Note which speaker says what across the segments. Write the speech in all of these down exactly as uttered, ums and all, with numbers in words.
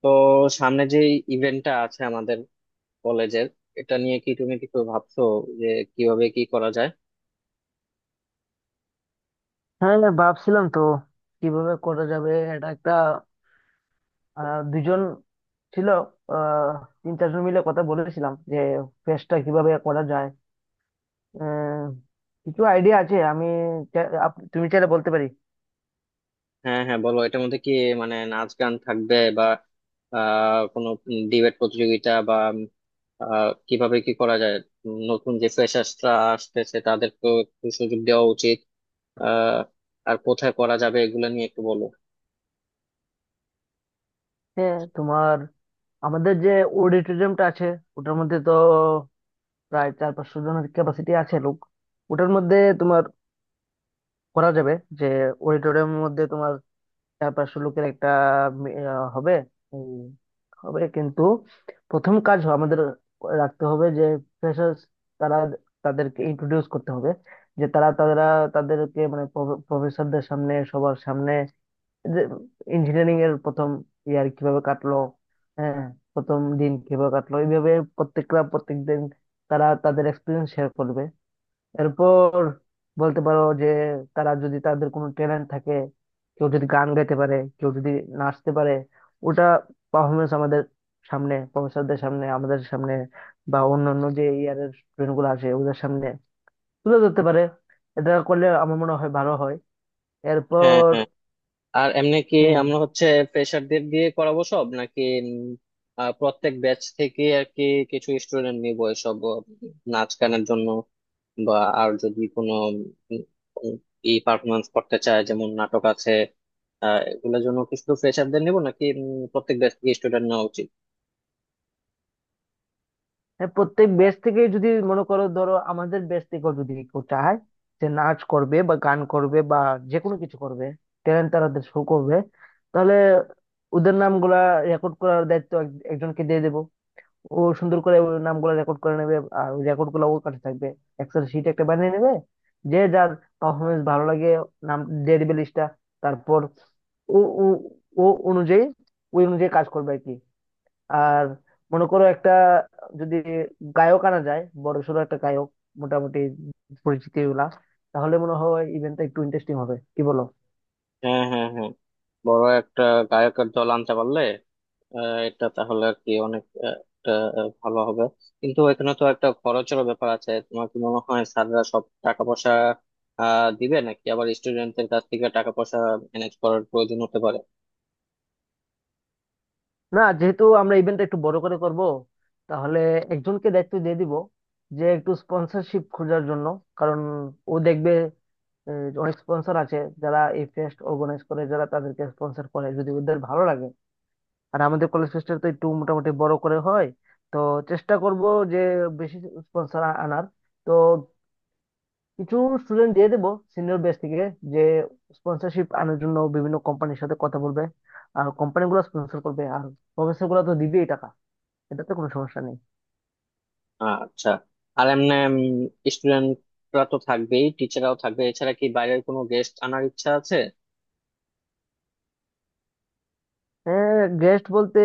Speaker 1: তো সামনে যে ইভেন্টটা আছে আমাদের কলেজের, এটা নিয়ে কি তুমি কিছু ভাবছো যে কিভাবে কি করা যায়?
Speaker 2: হ্যাঁ হ্যাঁ, ভাবছিলাম তো কিভাবে করা যাবে। এটা একটা আহ, দুজন ছিল, আহ, তিন চারজন মিলে কথা বলেছিলাম যে ফেস্টটা কিভাবে করা যায়। আহ, কিছু আইডিয়া আছে, আমি চা- আপ- তুমি চাইলে বলতে পারি।
Speaker 1: হ্যাঁ হ্যাঁ বলো, এটার মধ্যে কি মানে নাচ গান থাকবে, বা আহ কোনো ডিবেট প্রতিযোগিতা, বা আহ কিভাবে কি করা যায়? উম, নতুন যে ফ্রেশার্সরা আসতেছে তাদেরকেও একটু সুযোগ দেওয়া উচিত। আহ আর কোথায় করা যাবে এগুলো নিয়ে একটু বলো।
Speaker 2: হ্যাঁ, তোমার আমাদের যে অডিটোরিয়ামটা আছে ওটার মধ্যে তো প্রায় চার পাঁচশো জনের ক্যাপাসিটি আছে লোক। ওটার মধ্যে তোমার করা যাবে, যে অডিটোরিয়ামের মধ্যে তোমার চার পাঁচশো লোকের একটা মি- আহ, হবে হবে কিন্তু প্রথম কাজ আমাদের রাখতে হবে যে ফ্রেশার্স তারা, তাদেরকে ইন্ট্রোডিউস করতে হবে যে তারা তারা তাদেরকে মানে প্রফেসরদের সামনে সবার সামনে, যে ইঞ্জিনিয়ারিং এর প্রথম ইয়ার কিভাবে কাটলো। হ্যাঁ, প্রথম দিন কিভাবে কাটলো, এইভাবে প্রত্যেকটা প্রত্যেকদিন তারা তাদের এক্সপিরিয়েন্স শেয়ার করবে। এরপর বলতে পারো যে তারা যদি তাদের কোনো ট্যালেন্ট থাকে, কেউ যদি গান গাইতে পারে কেউ যদি নাচতে পারে, ওটা পারফরমেন্স আমাদের সামনে, প্রফেসরদের সামনে, আমাদের সামনে বা অন্যান্য যে ইয়ারের স্টুডেন্ট গুলো আসে ওদের সামনে তুলে ধরতে পারে। এটা করলে আমার মনে হয় ভালো হয়।
Speaker 1: হ্যাঁ
Speaker 2: এরপর
Speaker 1: হ্যাঁ। আর এমনি কি
Speaker 2: হম।
Speaker 1: আমরা হচ্ছে ফ্রেশারদের দিয়ে করাবো সব, নাকি উম, আহ, প্রত্যেক ব্যাচ থেকে আর কি কিছু স্টুডেন্ট নিবো এসব আহ, নাচ গানের জন্য, বা আর যদি কোনো ই পারফরমেন্স করতে চায় যেমন নাটক আছে আহ এগুলোর জন্য? কি শুধু ফ্রেশারদের নিবো নাকি উম, প্রত্যেক ব্যাচ থেকে স্টুডেন্ট নেওয়া উচিত?
Speaker 2: হ্যাঁ, প্রত্যেক ব্যাচ থেকে যদি মনে করো, ধরো আমাদের ব্যাচ থেকেও যদি কেউ চায় যে নাচ করবে বা গান করবে বা যে কোনো কিছু করবে, ট্যালেন্ট তারা শো করবে, তাহলে ওদের নামগুলা রেকর্ড করার দায়িত্ব এক- একজনকে দিয়ে দেবো। ও সুন্দর করে ওই নামগুলা রেকর্ড করে নেবে, আর ওই রেকর্ড গুলা ওর কাছে থাকবে, এক্সেল শিট একটা বানিয়ে নেবে। যে যার পারফরমেন্স ভালো লাগে, নাম দিয়ে দিবে লিস্টটা। তারপর ও ও ও অনুযায়ী ওই অনুযায়ী কাজ করবে আর কি। আর মনে করো একটা যদি গায়ক আনা যায়, বড়সড় একটা গায়ক, মোটামুটি পরিচিতি গুলা, তাহলে মনে হয় ইভেন্টটা একটু ইন্টারেস্টিং হবে, কি বলো?
Speaker 1: হ্যাঁ হ্যাঁ হ্যাঁ, বড় একটা গায়কের দল আনতে পারলে আহ, এটা তাহলে আর কি অনেক, আহ, একটা, আহ, ভালো হবে। কিন্তু এখানে তো একটা খরচেরও ব্যাপার আছে। তোমার কি মনে হয় স্যাররা সব টাকা পয়সা আহ দিবে, নাকি আবার স্টুডেন্টদের কাছ থেকে টাকা পয়সা ম্যানেজ করার প্রয়োজন হতে পারে?
Speaker 2: না, যেহেতু আমরা ইভেন্টটা একটু বড় করে করব, তাহলে একজনকে দায়িত্ব দিয়ে দিব যে একটু স্পন্সরশিপ খোঁজার জন্য। কারণ ও দেখবে, আহ, অনেক স্পন্সর আছে যারা এই ফেস্ট অর্গানাইজ করে, যারা তাদেরকে স্পন্সর করে যদি ওদের ভালো লাগে। আর আমাদের কলেজ ফেস্টটা তো একটু মোটামুটি বড় করে হয়, তো চেষ্টা করব যে বেশি স্পন্সর আনার। তো কিছু স্টুডেন্ট দিয়ে দেবো সিনিয়র ব্যাচ থেকে, যে স্পন্সরশিপ আনার জন্য বিভিন্ন কোম্পানির সাথে কথা বলবে। আর কোম্পানিগুলো স্পন্সর করবে, আর প্রফেসর গুলো তো দিবেই টাকা, এটাতে কোনো সমস্যা নেই।
Speaker 1: আচ্ছা। আর এমনি স্টুডেন্টরা তো থাকবেই, টিচাররাও থাকবে, এছাড়া কি বাইরের কোনো গেস্ট আনার ইচ্ছা আছে?
Speaker 2: হ্যাঁ, গেস্ট বলতে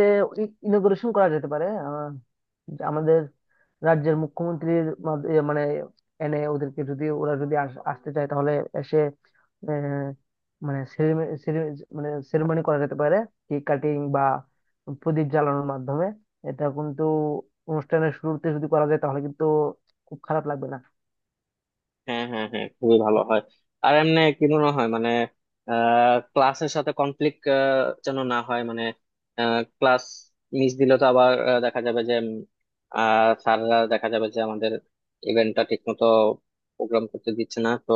Speaker 2: ইনোগ্রেশন করা যেতে পারে। আহ, যে আমাদের রাজ্যের মুখ্যমন্ত্রীর মাধ- এ মানে এনে, ওদেরকে যদি, ওরা যদি আস- আসতে চায় তাহলে এসে, আহ, মানে ceremony- cere- মানে সেরেমনি করা যেতে পারে। কেক কাটিং বা প্রদীপ জ্বালানোর মাধ্যমে। এটা কিন্তু অনুষ্ঠানের শুরুতে যদি করা যায় তাহলে কিন্তু খুব খারাপ লাগবে না।
Speaker 1: হ্যাঁ হ্যাঁ হ্যাঁ, খুবই ভালো হয়। আর এমনি কি মনে হয় মানে ক্লাসের সাথে কনফ্লিক্ট যেন না হয়। মানে ক্লাস মিস দিলে তো আবার আহ, দেখা যাবে যে স্যাররা দেখা যাবে যে আমাদের ইভেন্টটা ঠিক মতো প্রোগ্রাম করতে দিচ্ছে না। তো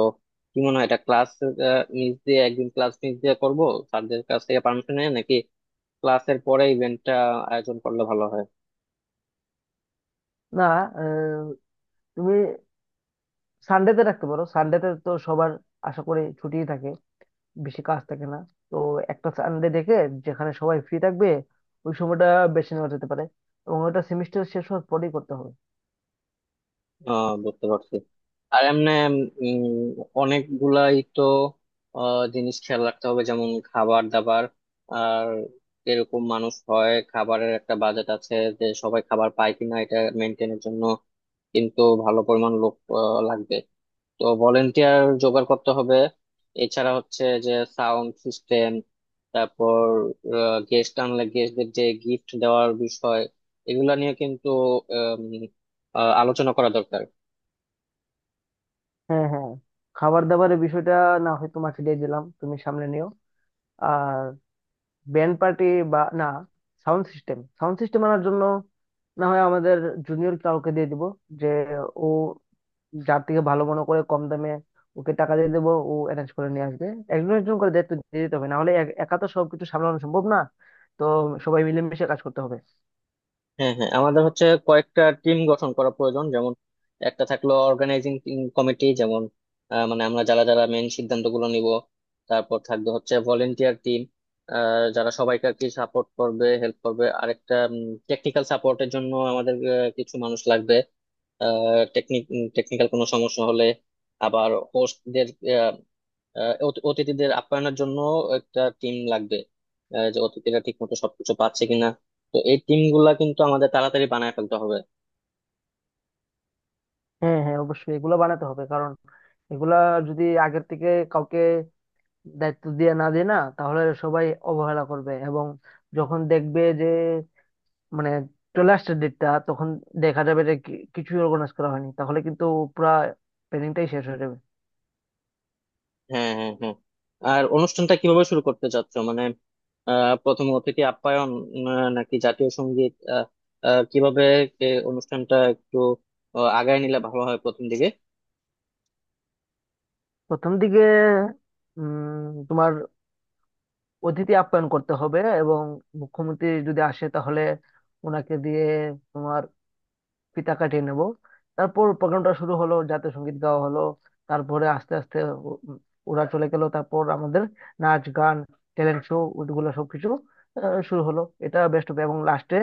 Speaker 1: কি মনে হয়, এটা ক্লাস মিস দিয়ে, একদিন ক্লাস মিস দিয়ে করবো স্যারদের কাছ থেকে পারমিশন নিয়ে, নাকি ক্লাসের পরে ইভেন্টটা আয়োজন করলে ভালো হয়?
Speaker 2: না, আহ, তুমি সানডেতে রাখতে পারো। সানডেতে তো সবার আশা করি ছুটিই থাকে, বেশি কাজ থাকে না। তো একটা সানডে দেখে, যেখানে সবাই ফ্রি থাকবে, ওই সময়টা বেছে নেওয়া যেতে পারে। এবং ওটা সেমিস্টার শেষ হওয়ার পরেই করতে হবে।
Speaker 1: আহ বুঝতে পারছি। আর এমনি উম অনেকগুলাই তো আহ, জিনিস খেয়াল রাখতে হবে, যেমন খাবার দাবার। আর এরকম মানুষ হয়, খাবারের একটা বাজেট আছে, যে সবাই খাবার পায় কিনা এটা মেনটেনের জন্য কিন্তু ভালো পরিমাণ লোক আহ, লাগবে। তো ভলেন্টিয়ার জোগাড় করতে হবে। এছাড়া হচ্ছে যে সাউন্ড সিস্টেম, তারপর গেস্ট আনলে গেস্টদের যে গিফট দেওয়ার বিষয়, এগুলা নিয়ে কিন্তু আম, আহ, আলোচনা করা দরকার।
Speaker 2: হ্যাঁ হ্যাঁ, খাবার দাবারের বিষয়টা না হয় তোমাকে দিয়ে দিলাম, তুমি সামনে নিও। আর ব্যান্ড পার্টি বা না, সাউন্ড সিস্টেম সাউন্ড সিস্টেম আনার জন্য না হয় আমাদের জুনিয়র কাউকে দিয়ে দিব, যে ও যার থেকে ভালো মনে করে কম দামে, ওকে টাকা দিয়ে দেবো, ও অ্যারেঞ্জ করে নিয়ে আসবে। একজন একজন করে দায়িত্ব দিয়ে দিতে হবে, না হলে এক- একা তো সবকিছু সামলানো সম্ভব না। তো সবাই মিলেমিশে কাজ করতে হবে।
Speaker 1: হ্যাঁ হ্যাঁ, আমাদের হচ্ছে কয়েকটা টিম গঠন করা প্রয়োজন। যেমন একটা থাকলো অর্গানাইজিং কমিটি, যেমন আহ, মানে আমরা যারা যারা মেন সিদ্ধান্তগুলো নিব। তারপর থাকবে হচ্ছে ভলেন্টিয়ার টিম যারা সবাইকে আর কি সাপোর্ট করবে, হেল্প করবে। আরেকটা টেকনিক্যাল সাপোর্টের জন্য আমাদের আহ, কিছু মানুষ লাগবে টেকনিক টেকনিক্যাল কোনো সমস্যা হলে। আবার হোস্টদের, আহ, অত- অতিথিদের আপ্যায়নের জন্য একটা টিম লাগবে, আহ, যে অতিথিরা ঠিক মতো সবকিছু পাচ্ছে কিনা। তো এই টিম গুলা কিন্তু আমাদের তাড়াতাড়ি বানায় ফেলতে হবে।
Speaker 2: হ্যাঁ হ্যাঁ, অবশ্যই এগুলো বানাতে হবে। কারণ এগুলা যদি আগের থেকে কাউকে দায়িত্ব দিয়ে না দেয় না, তাহলে সবাই অবহেলা করবে, এবং যখন দেখবে যে মানে চলে আসছে ডেটটা, তখন দেখা যাবে যে কি- কিছুই অর্গানাইজ করা হয়নি, তাহলে কিন্তু পুরা প্ল্যানিংটাই শেষ হয়ে যাবে।
Speaker 1: হ্যাঁ হ্যাঁ হ্যাঁ। আর অনুষ্ঠানটা কিভাবে শুরু করতে চাচ্ছ মানে আহ প্রথম অতিথি আপ্যায়ন, আহ, নাকি জাতীয় সঙ্গীত, আহ আহ, কিভাবে এ, অনুষ্ঠানটা একটু আহ, আগায় নিলে ভালো হয় প্রথম দিকে?
Speaker 2: প্রথম দিকে উম, তোমার অতিথি আপ্যায়ন করতে হবে, এবং মুখ্যমন্ত্রী যদি আসে তাহলে ওনাকে দিয়ে তোমার ফিতা কাটিয়ে নেব। তারপর প্রোগ্রামটা শুরু হলো, জাতীয় সঙ্গীত গাওয়া হলো। তারপরে আস্তে আস্তে ও- ওরা চলে গেল, তারপর আমাদের নাচ গান ট্যালেন্ট শো ওগুলো সবকিছু আহ, শুরু হলো, এটা বেস্ট হবে। এবং লাস্টে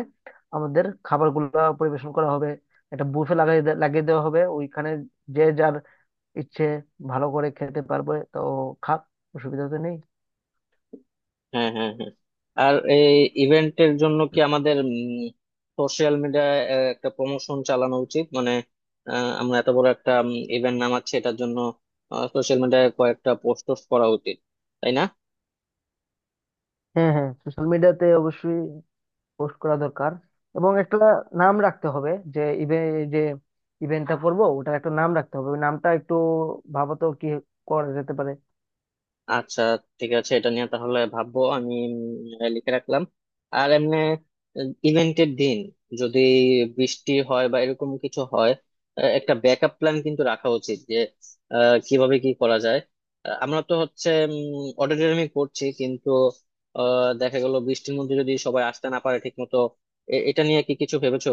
Speaker 2: আমাদের খাবারগুলো পরিবেশন করা হবে। একটা বুফে লাগাই দে- লাগিয়ে দেওয়া হবে ওইখানে, যে যার ইচ্ছে ভালো করে খেতে পারবে, তো খাক, অসুবিধা তো নেই।
Speaker 1: হ্যাঁ হ্যাঁ হ্যাঁ। আর এই ইভেন্টের জন্য কি আমাদের সোশ্যাল মিডিয়ায় একটা প্রমোশন চালানো উচিত? মানে আহ, আমরা এত বড় একটা ইভেন্ট নামাচ্ছি, এটার জন্য সোশ্যাল মিডিয়ায় কয়েকটা পোস্ট টোস্ট করা উচিত, তাই না?
Speaker 2: হ্যাঁ হ্যাঁ, সোশ্যাল মিডিয়াতে অবশ্যই পোস্ট করা দরকার। এবং একটা নাম রাখতে হবে, যে ইভে যে ইভেন্টটা করব ওটার একটা নাম রাখতে হবে, ওই নামটা একটু ভাবো তো কি করা যেতে পারে।
Speaker 1: আচ্ছা ঠিক আছে, এটা নিয়ে তাহলে ভাববো আমি। উম, লিখে রাখলাম। আর এমনি ইভেন্টের দিন যদি বৃষ্টি হয় বা এরকম কিছু হয়, আহ, একটা ব্যাকআপ প্ল্যান কিন্তু রাখা উচিত যে আহ, কিভাবে কি করা যায়। আহ, আমরা তো হচ্ছে অডিটোরিয়ামে করছি, কিন্তু আহ, দেখা গেল বৃষ্টির মধ্যে যদি সবাই আসতে না পারে ঠিক মতো। এটা নিয়ে কি কিছু ভেবেছো?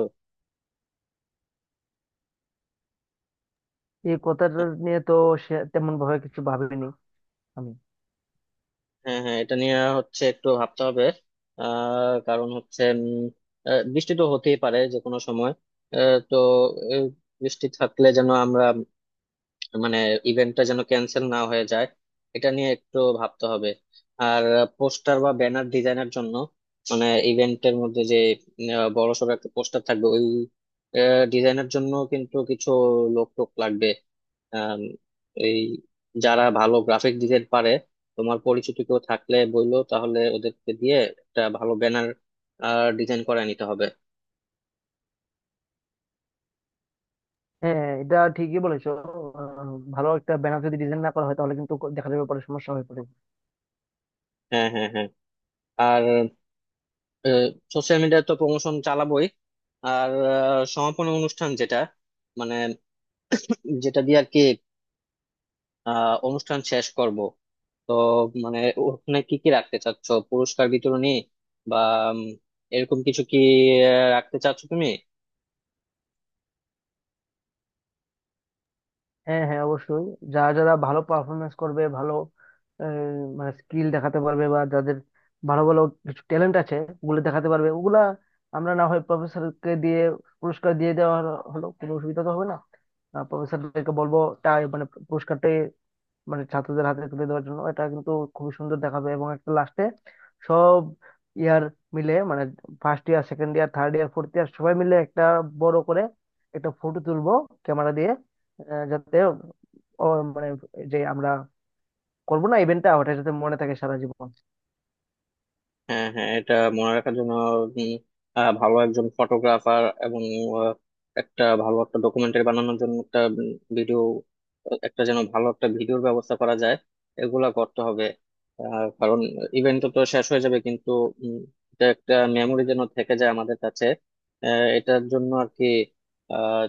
Speaker 2: এই কথাটা নিয়ে তো সে তেমন ভাবে কিছু ভাবিনি আমি।
Speaker 1: হ্যাঁ হ্যাঁ, এটা নিয়ে হচ্ছে একটু ভাবতে হবে। আহ কারণ হচ্ছে উম, আহ, বৃষ্টি তো হতেই পারে যে কোনো সময়। আহ, তো আহ, বৃষ্টি থাকলে যেন আমরা উম, মানে ইভেন্টটা যেন ক্যান্সেল না হয়ে যায়, এটা নিয়ে একটু ভাবতে হবে। আর পোস্টার বা ব্যানার ডিজাইনের জন্য মানে ইভেন্টের মধ্যে যে বড় সড়ো একটা পোস্টার থাকবে, ওই ডিজাইনের জন্য কিন্তু কিছু লোক টোক লাগবে। আম, এই যারা ভালো গ্রাফিক ডিজাইন পারে তোমার পরিচিত কেউ থাকলে বললো, তাহলে ওদেরকে দিয়ে একটা ভালো ব্যানার ডিজাইন করে নিতে হবে।
Speaker 2: হ্যাঁ, এটা ঠিকই বলেছো। আহ, ভালো একটা ব্যানার যদি ডিজাইন না করা হয় তাহলে কিন্তু দেখা যাবে পরে সমস্যা হয়ে পড়ে।
Speaker 1: হ্যাঁ হ্যাঁ হ্যাঁ। আর সোশ্যাল মিডিয়ায় তো প্রমোশন চালাবোই। আর আহ, সমাপনী অনুষ্ঠান যেটা মানে যেটা দিয়ে আর কি আহ, অনুষ্ঠান শেষ করব, তো মানে ওখানে কি কি রাখতে চাচ্ছ? পুরস্কার বিতরণী বা উম, এরকম কিছু কি আহ, রাখতে চাচ্ছ তুমি?
Speaker 2: হ্যাঁ হ্যাঁ, অবশ্যই। যারা যারা ভালো পারফরমেন্স করবে, ভালো আহ, মানে স্কিল দেখাতে পারবে, বা যাদের ভালো ভালো কিছু ট্যালেন্ট আছে ওগুলো দেখাতে পারবে, ওগুলা আমরা না হয় প্রফেসরকে দিয়ে পুরস্কার দিয়ে দেওয়া হলো হলো, কোনো অসুবিধা তো হবে না। প্রফেসরদেরকে বলবো তাই, মানে পুরস্কারটা মানে ছাত্রদের হাতে তুলে দেওয়ার জন্য, এটা কিন্তু খুবই সুন্দর দেখাবে। এবং একটা লাস্টে সব ইয়ার মিলে, মানে first year second year third year fourth year সবাই মিলে একটা বড় করে একটা ফটো তুলবো ক্যামেরা দিয়ে, আহ, যাতে ও মানে যে আমরা করবো না ইভেন্টটা, ওটা যাতে মনে থাকে সারা জীবন।
Speaker 1: হ্যাঁ হ্যাঁ, এটা মনে রাখার জন্য উম, আহ, ভালো একজন ফটোগ্রাফার এবং আহ, একটা ভালো একটা ডকুমেন্টারি বানানোর জন্য একটা ভিডিও, একটা যেন ভালো একটা ভিডিওর ব্যবস্থা করা যায়, এগুলা করতে হবে। আহ, কারণ ইভেন্ট তো তো শেষ হয়ে যাবে, কিন্তু উম, এটা একটা মেমোরি যেন থেকে যায় আমাদের কাছে। আহ, এটার জন্য আর কি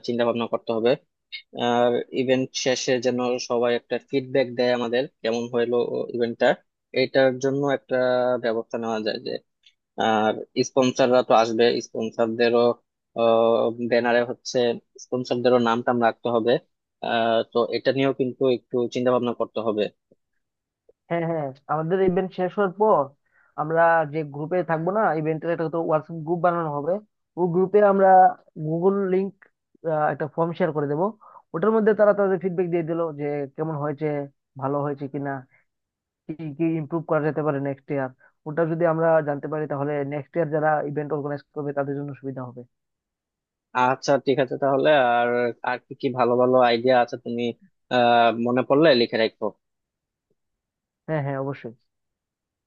Speaker 1: চিন্তা ভাবনা করতে হবে। আর ইভেন্ট শেষে যেন সবাই একটা ফিডব্যাক দেয় আমাদের কেমন হইলো ইভেন্টটা, এটার জন্য একটা ব্যবস্থা নেওয়া যায় যে। আর স্পন্সররা তো আসবে, স্পন্সরদেরও ব্যানারে হচ্ছে স্পন্সরদেরও নাম টাম রাখতে হবে। আহ, তো এটা নিয়েও কিন্তু একটু চিন্তা ভাবনা করতে হবে।
Speaker 2: হ্যাঁ হ্যাঁ, আমাদের ইভেন্ট শেষ হওয়ার পর আমরা যে গ্রুপে থাকবো না, ইভেন্টের একটা তো হোয়াটসঅ্যাপ গ্রুপ বানানো হবে, ওই গ্রুপে আমরা গুগল লিংক একটা ফর্ম শেয়ার করে দেবো। ওটার মধ্যে তারা তাদের ফিডব্যাক দিয়ে দিলো যে কেমন হয়েছে, ভালো হয়েছে কিনা, কি কি ইমপ্রুভ করা যেতে পারে নেক্সট ইয়ার। ওটা যদি আমরা জানতে পারি তাহলে নেক্সট ইয়ার যারা ইভেন্ট অর্গানাইজ করবে তাদের জন্য সুবিধা হবে।
Speaker 1: আচ্ছা ঠিক আছে তাহলে। আর আর কি কি ভালো ভালো আইডিয়া আছে তুমি আহ মনে পড়লে লিখে রাখো।
Speaker 2: হ্যাঁ হ্যাঁ, অবশ্যই।